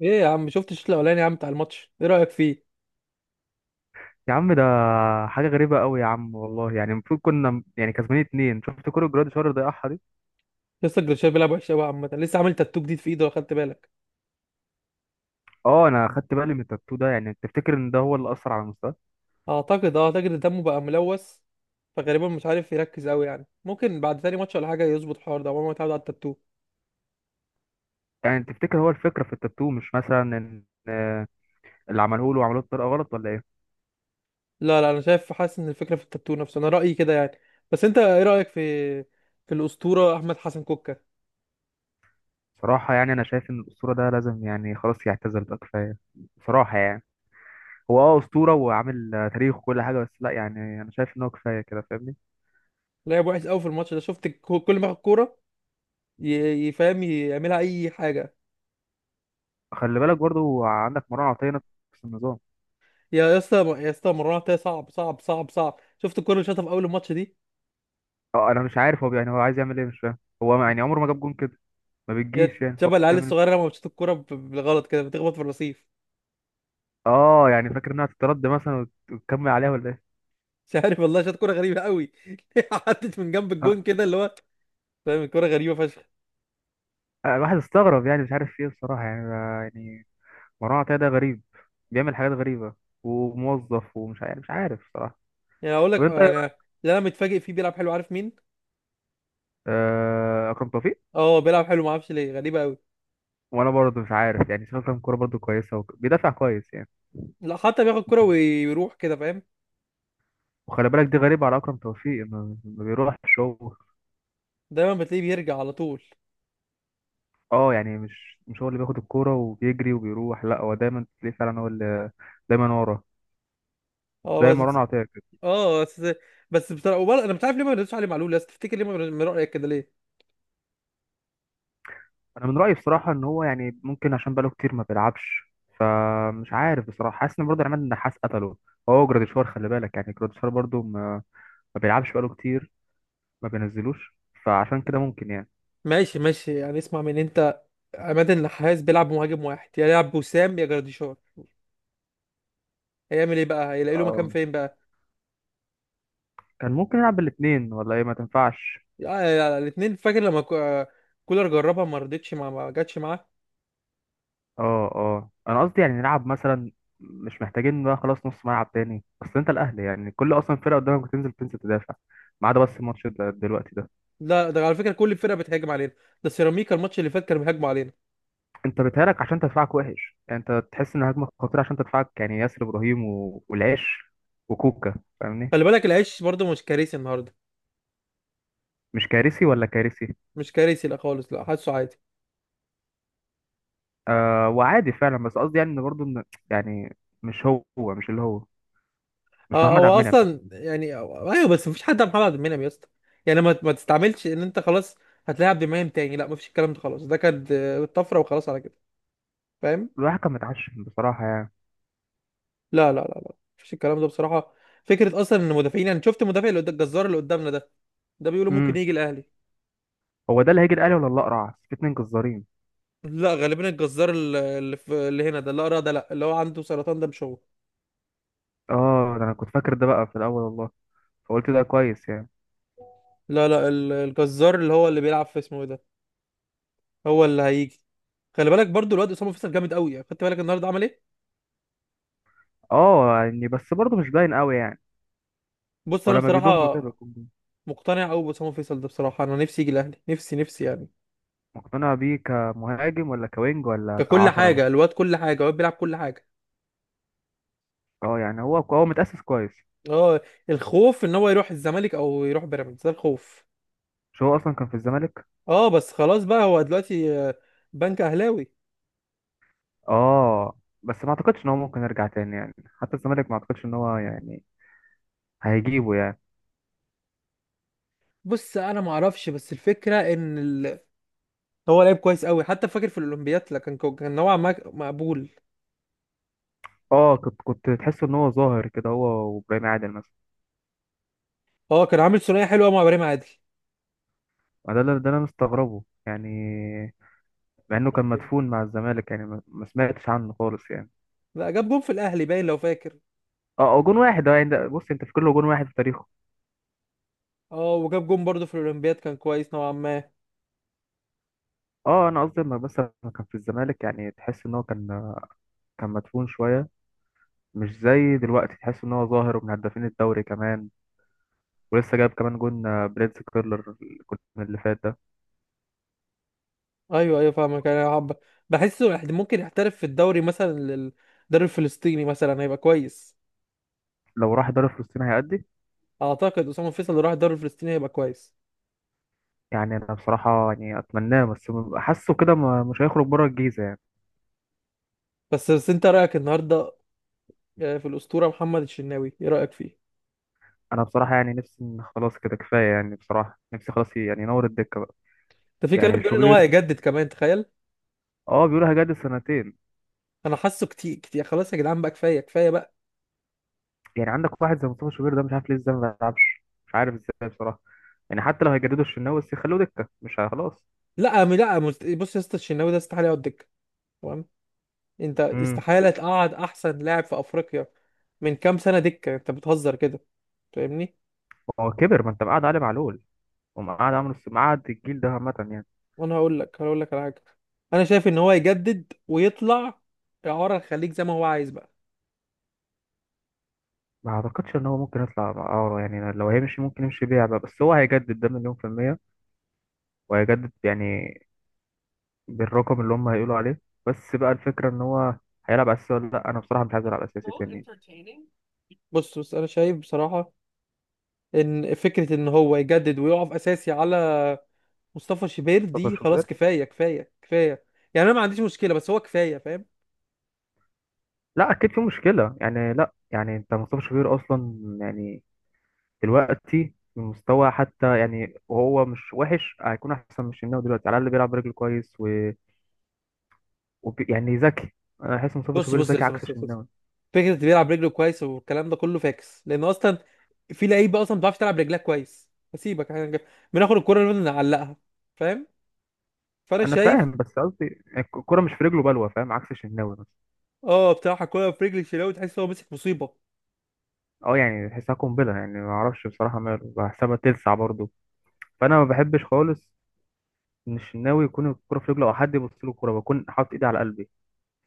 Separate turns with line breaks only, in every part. ايه يا عم، شفت الشوط الاولاني يا عم بتاع الماتش؟ ايه رايك فيه؟
يا عم، ده حاجة غريبة قوي يا عم. والله يعني المفروض كنا يعني كسبانين اتنين. شفت كرة جراد شهر ضيعها دي.
لسه جريشيا بيلعب وحش قوي عامه. لسه عامل تاتو جديد في ايده لو خدت بالك.
اه، انا خدت بالي من التاتو ده. يعني تفتكر ان ده هو اللي اثر على مستواه؟
اعتقد، اعتقد دمه بقى ملوث. فغالبا مش عارف يركز قوي، يعني ممكن بعد تاني ماتش ولا حاجه يظبط الحوار ده، عمره ما اتعود على التاتو.
يعني تفتكر هو الفكرة في التاتو؟ مش مثلا ان اللي عملوه له عملوه بطريقة غلط ولا ايه؟
لا لا، انا شايف حاسس ان الفكره في التاتو نفسه، انا رايي كده يعني. بس انت ايه رايك في الاسطوره احمد حسن كوكا؟
بصراحة يعني انا شايف ان الاسطورة ده لازم يعني خلاص يعتزل بقى، كفاية بصراحة يعني. هو اه اسطورة، وعامل تاريخ وكل حاجة، بس لا، يعني انا شايف ان هو كفاية كده، فاهمني.
لعب وحش قوي في الماتش ده. شفت كل ما ياخد كوره يفهم يعملها اي حاجه.
خلي بالك برضو عندك مروان عطية نفس النظام.
يا اسطى، يا اسطى مرات، صعب صعب صعب صعب. شفت الكوره اللي شاطها في اول الماتش دي؟
اه، انا مش عارف هو يعني هو عايز يعمل ايه، مش فاهم. هو يعني عمره ما جاب جون كده، ما
هي
بتجيش يعني، فهو
شبه
عايز
العيال
يعمل.
الصغيره لما بتشوط الكوره بالغلط كده، بتخبط في الرصيف.
اه يعني فاكر انها تترد مثلا وتكمل عليها ولا ايه؟
مش عارف والله، شاط كوره غريبه قوي. عدت من جنب
أنا-
الجون كده، اللي هو فاهم، الكوره غريبه فشخ.
أنا الواحد استغرب يعني، مش عارف فيه بصراحة يعني يعني مروان عطية ده غريب، بيعمل حاجات غريبة، وموظف، ومش عارف، مش عارف بصراحة.
يعني اقول
طب
لك
انت إيه
يعني،
رأيك؟
اللي انا متفاجئ فيه بيلعب حلو، عارف مين؟
اكرم توفيق.
اه بيلعب حلو، ما اعرفش ليه، غريبه قوي.
وانا برضه مش عارف يعني، شايف اكرم كورة برضه كويسة بيدافع كويس يعني.
لا، حتى بياخد كوره
يمكن.
ويروح كده، فاهم.
وخلي بالك دي غريبة على اكرم توفيق، ما بيروحش هو.
دايما بتلاقيه بيرجع على طول.
اه يعني مش هو اللي بياخد الكورة وبيجري وبيروح، لا هو دايما تلاقيه، فعلا هو اللي دايما ورا،
اه
زي مروان
بس.
عطية كده.
اه بس. بس بصراحه انا مش عارف ليه ما بنردش عليه معلول، بس تفتكر ليه ما بن- من رايك كده ليه؟
انا من رايي بصراحه ان هو يعني ممكن عشان بقاله كتير ما بيلعبش. مش عارف بصراحه، حاسس ان برضه عماد النحاس قتله. هو جراديشوار، خلي بالك يعني جراديشوار برضه ما بيلعبش بقاله كتير، ما بينزلوش، فعشان كده ممكن يعني.
ماشي ماشي، يعني اسمع من انت. عماد النحاس بيلعب بمهاجم واحد، يا يلعب بوسام يا جراديشار. هيعمل ايه بقى؟ هيلاقي له مكان
آه.
فين بقى؟
كان ممكن يلعب بالاثنين ولا ايه، ما تنفعش؟
آه الاثنين، فاكر لما كولر جربها، ما رضتش، ما جاتش معاه.
اه اه، انا قصدي يعني نلعب مثلا. مش محتاجين بقى خلاص نص ملعب تاني. اصل انت الاهلي يعني كل اصلا فرقه قدامك بتنزل بتنزل تدافع، ما عدا بس الماتش ده دلوقتي ده.
لا، ده على فكره كل الفرقه بتهاجم علينا. ده سيراميكا الماتش اللي فات كانوا بيهاجموا علينا.
انت بيتهيألك عشان تدفعك وحش، يعني انت تحس ان هجمه خطيره عشان تدفعك يعني، ياسر ابراهيم والعش وكوكا، فاهمني.
خلي بالك، العيش برضو مش كارثي النهارده.
مش كارثي ولا كارثي.
مش كارثي لا خالص، لا، حاسه عادي.
آه، وعادي فعلا، بس قصدي يعني ان برضه ان يعني مش هو، مش اللي هو،
اه،
مش محمد عبد
هو
المنعم.
اصلا يعني ايوه، بس مفيش حد على محمد عبد المنعم يا اسطى. يعني ما تستعملش ان انت خلاص هتلاعب عبد المنعم تاني. لا، مفيش الكلام ده خلاص، ده كانت طفره وخلاص، على كده فاهم.
الواحد كان متعشم بصراحه يعني.
لا لا لا لا، مفيش الكلام ده بصراحة. فكرة أصلا إن المدافعين، يعني شفت المدافع اللي الجزار اللي قدامنا ده، ده بيقولوا ممكن
امم
يجي الأهلي.
هو ده اللي هيجي الاهلي ولا الاقرع في اتنين جزارين؟
لا غالبا الجزار اللي في اللي هنا ده، لا أرى ده، لا، اللي هو عنده سرطان ده مش هو.
اه، ده انا كنت فاكر ده بقى في الاول والله، فقلت ده كويس يعني.
لا لا، الجزار اللي هو اللي بيلعب في، اسمه إيه ده، هو اللي هيجي. خلي بالك برضو، الواد أسامة فيصل جامد قوي يعني. خدت بالك النهارده عمل إيه؟
اه يعني بس برضه مش باين قوي يعني،
بص أنا
ولما
بصراحة
بيضم كده.
مقتنع قوي بأسامة فيصل ده بصراحة، أنا نفسي يجي الأهلي، نفسي نفسي يعني.
مقتنع بيه كمهاجم ولا كوينج ولا
ككل
كعشرة
حاجة
مثلا؟
الواد، كل حاجة الواد بيلعب كل حاجة.
اه يعني هو، هو متأسس كويس.
اه. الخوف ان هو يروح الزمالك او يروح بيراميدز، ده الخوف.
مش هو اصلا كان في الزمالك؟
اه بس، خلاص بقى، هو دلوقتي بنك اهلاوي.
اه بس ما اعتقدش ان هو ممكن يرجع تاني يعني، حتى الزمالك ما اعتقدش ان هو يعني هيجيبه يعني.
بص انا ما اعرفش، بس الفكره ان هو لعيب كويس قوي، حتى فاكر في الاولمبياد لا، كان كان نوعا ما مقبول.
اه، كنت تحس ان هو ظاهر كده هو، وابراهيم عادل مثلا.
اه كان عامل ثنائيه حلوه مع ابراهيم عادل.
ما ده اللي انا مستغربه يعني، مع انه كان
ممكن.
مدفون مع الزمالك يعني، ما سمعتش عنه خالص يعني.
لا، جاب جون في الاهلي باين لو فاكر.
اه هو جون واحد، اه يعني بص انت في كله جون واحد في تاريخه.
اه وجاب جون برضه في الاولمبياد، كان كويس نوعا ما.
اه انا قصدي لما كان في الزمالك يعني تحس ان هو كان، كان مدفون شويه، مش زي دلوقتي تحس ان هو ظاهر ومن هدافين الدوري كمان، ولسه جايب كمان جون، بريتز كيرلر، الجون اللي فات ده.
ايوه ايوه فاهمك، انا حب، بحسه ممكن يحترف في الدوري مثلا، الدوري الفلسطيني مثلا هيبقى كويس.
لو راح دوري فلسطين هيأدي.
اعتقد اسامه فيصل لو راح الدوري الفلسطيني هيبقى كويس.
يعني انا بصراحة يعني اتمناه، بس حاسه كده مش هيخرج بره الجيزة يعني.
بس انت رايك النهارده في الاسطوره محمد الشناوي، ايه رايك فيه؟
انا بصراحة يعني نفسي إن خلاص كده كفاية يعني، بصراحة نفسي خلاص يعني ينور الدكة بقى.
ده في
يعني
كلام بيقول ان هو
شوبير.
هيجدد كمان، تخيل.
اه بيقولوا هيجدد سنتين.
انا حاسه كتير كتير، خلاص يا جدعان بقى، كفايه كفايه بقى.
يعني عندك واحد زي مصطفى شوبير ده، مش عارف ليه ازاي ما بيلعبش، مش عارف ازاي بصراحة. يعني حتى لو هيجددوا الشناوي بس يخلوه دكة مش خلاص.
لا م- لا مست- بص يا اسطى، الشناوي ده استحاله يقعد دكه، تمام؟ انت
امم
استحاله تقعد احسن لاعب في افريقيا من كام سنه دكه، انت بتهزر كده فاهمني.
هو كبر، ما انت مقعد علي معلول، ومقعد عمرو مقعد الجيل ده عامة يعني.
وانا هقول لك على حاجه. انا شايف ان هو يجدد ويطلع اعاره الخليج زي ما هو عايز بقى.
ما اعتقدش ان هو ممكن يطلع اعاره يعني. لو هيمشي ممكن يمشي بيعبع، بس هو هيجدد ده مليون في المية، وهيجدد يعني بالرقم اللي هم هيقولوا عليه. بس بقى الفكرة ان هو هيلعب اساسي ولا لا. انا بصراحة مش عايز العب اساسي تاني.
بص انا شايف بصراحه ان فكره ان هو يجدد ويقف اساسي على مصطفى شوبير
مصطفى
دي، خلاص
شوبير.
كفايه كفايه كفايه. يعني انا ما عنديش مشكله، بس هو كفايه فاهم.
لا اكيد في مشكلة يعني، لا يعني انت مصطفى شوبير اصلا يعني دلوقتي من مستوى حتى يعني، وهو مش وحش، هيكون احسن من الشناوي دلوقتي، على الاقل بيلعب برجله كويس يعني ذكي. انا بحس مصطفى
بص
شوبير
بص
ذكي
بص
عكس
بص, بص.
الشناوي.
فكره اللي بيلعب رجله كويس والكلام ده كله فاكس، لان اصلا في لعيبه اصلا ما بتعرفش تلعب رجلها كويس، هسيبك احنا بناخد الكره اللي نعلقها فاهم. فانا
انا
شايف.
فاهم، بس قصدي الكوره مش في رجله بلوه، فاهم، عكس الشناوي مثلا.
اه بصراحه الكره في رجل الشناوي تحس هو مسك مصيبه.
اه يعني تحسها قنبله يعني، ما اعرفش بصراحه ماله، بحسبها تلسع برضه. فانا ما بحبش خالص ان الشناوي يكون الكوره في رجله، او حد يبص له الكوره بكون حاطط ايدي على قلبي،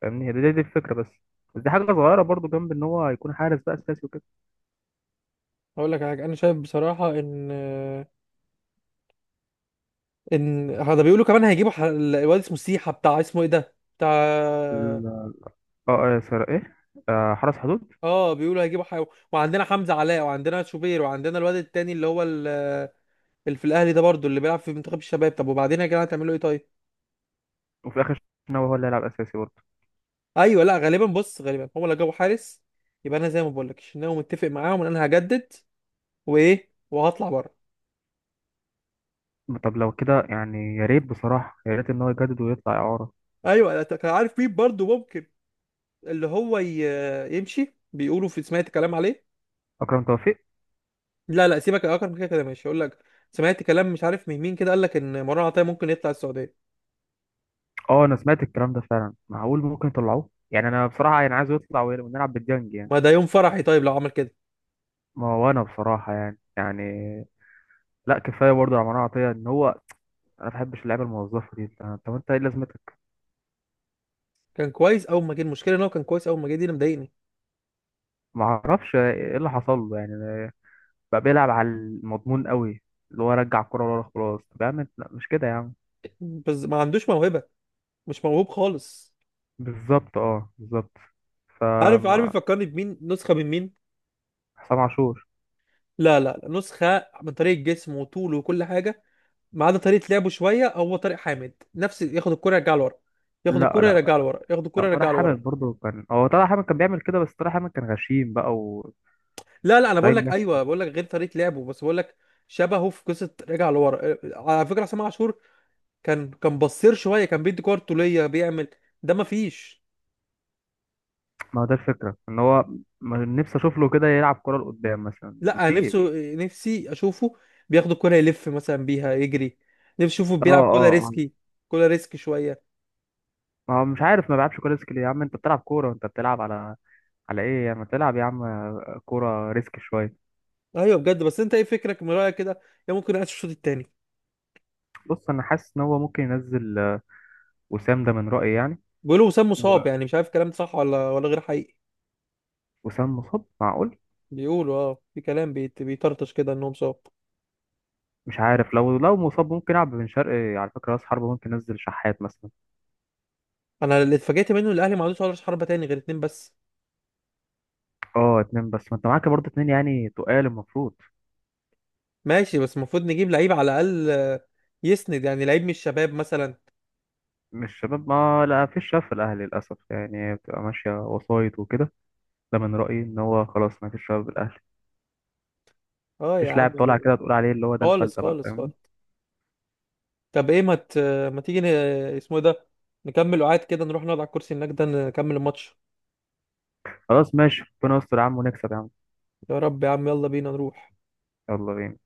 فاهمني. هي دي الفكره بس. بس دي حاجه صغيره برضه جنب ان هو يكون حارس بقى اساسي وكده.
هقول لك على حاجه، انا شايف بصراحه ان هذا بيقولوا كمان هيجيبوا الواد اسمه سيحه، بتاع اسمه ايه ده بتاع.
ال- اه اه، سر ايه، آه، حرس حدود.
اه بيقولوا هيجيبوا وعندنا حمزة علاء وعندنا شوبير وعندنا الواد التاني اللي هو اللي في الاهلي ده برضو، اللي بيلعب في منتخب الشباب. طب وبعدين يا جماعة هتعملوا ايه طيب؟
وفي الاخر الشناوي هو اللي هيلعب اساسي برضه.
ايوه، لا غالبا، بص غالبا هو لو جابوا حارس، يبقى انا زي ما بقول لك، انا متفق معاهم ان انا هجدد، وايه وهطلع بره.
طب لو كده يعني يا ريت بصراحه، يا ريت ان هو يجدد ويطلع اعاره.
ايوه، لا، كان عارف مين برضو ممكن اللي هو يمشي، بيقولوا في، سمعت كلام عليه.
اكرم توفيق.
لا لا سيبك يا اكرم من كده، كده ماشي. يقول لك سمعت كلام مش عارف من مين كده، قال لك ان مروان عطية ممكن يطلع السعودية.
اه، انا سمعت الكلام ده فعلا، معقول ممكن يطلعوه يعني. انا بصراحه يعني عايز يطلع ونلعب بالديانج يعني.
ما ده يوم فرحي طيب لو عمل كده.
ما هو انا بصراحه يعني يعني، لا كفايه برضه على عطيه ان هو، انا ما بحبش اللعيبه الموظفه دي. طب، طب انت ايه لازمتك؟
كان كويس اول ما جه، المشكله ان هو كان كويس اول ما جه، دي اللي مضايقني.
ما اعرفش ايه اللي حصل له يعني، بقى بيلعب على المضمون قوي، اللي هو رجع الكره ورا خلاص. طب يا عم لا، مش كده يا عم.
بس ما عندوش موهبه، مش موهوب خالص.
بالظبط، اه بالظبط
عارف
فما.
يفكرني بمين، نسخه من مين؟
حسام عاشور.
لا لا لا، نسخه من طريقه جسمه وطوله وكل حاجه، ما عدا طريقه لعبه شويه، هو طارق حامد نفس. ياخد الكره يرجعها لورا، ياخد
لا
الكره
لا
يرجعها لورا، ياخد
لا.
الكره
طارق
يرجعها لورا.
حامد برضه كان، هو طارق حامد كان بيعمل كده، بس طارق حامد كان غشيم بقى
لا لا انا بقول لك،
ودايما.
ايوه بقول لك غير طريقه لعبه بس، بقول لك شبهه في قصه رجع لورا، على فكره عصام عاشور. كان بصير شويه، كان بيدي كور طوليه بيعمل، ده ما فيش.
ما هو ده الفكرة ان هو م- نفسي اشوف له كده يلعب كورة لقدام مثلا،
لا أنا نفسه،
مفيش.
نفسي اشوفه بياخد الكرة يلف مثلا بيها يجري، نفسي اشوفه
اه
بيلعب كرة
اه
ريسكي،
اه.
كرة ريسكي شوية.
ما هو مش عارف، ما بيلعبش كورة ريسك ليه؟ يا عم انت بتلعب كورة، انت بتلعب على ايه يعني؟ ما تلعب يا عم كورة ريسك شوية.
ايوه بجد، بس انت ايه فكرك من رأيك كده؟ يا ممكن ينقص الشوط التاني.
بص انا حاسس ان هو ممكن ينزل وسام ده من رأيي يعني.
بيقولوا وسام
و-
مصاب، يعني مش عارف الكلام ده صح ولا غير حقيقي.
وسام مصاب، معقول.
بيقولوا اه في كلام بيطرطش كده انه مصاب.
مش عارف، لو مصاب ممكن يلعب بن شرقي على فكرة راس حربة، ممكن ينزل شحات مثلا.
انا اللي اتفاجئت منه إن الاهلي ما عندوش ولا حربة تاني غير اتنين بس.
اه، اتنين بس. ما انت معاك برضه اتنين يعني، تقال المفروض.
ماشي، بس المفروض نجيب لعيب على الاقل يسند، يعني لعيب من الشباب مثلا.
مش شباب، ما لا فيش شاف الاهلي للاسف يعني، بتبقى ماشية وسايط وكده. ده من رأيي ان هو خلاص ما فيش شباب الاهلي.
اه يا
مفيش لاعب
عم.
طالع كده تقول عليه اللي هو ده
خالص
الفلتة بقى،
خالص
فاهمني.
خالص. طب ايه، ما تيجي اسمه ايه ده، نكمل وقعد كده، نروح نقعد على الكرسي هناك ده نكمل الماتش.
خلاص ماشي، ربنا يستر يا عم ونكسب يا عم.
يا رب يا عم، يلا بينا نروح.
يلا بينا.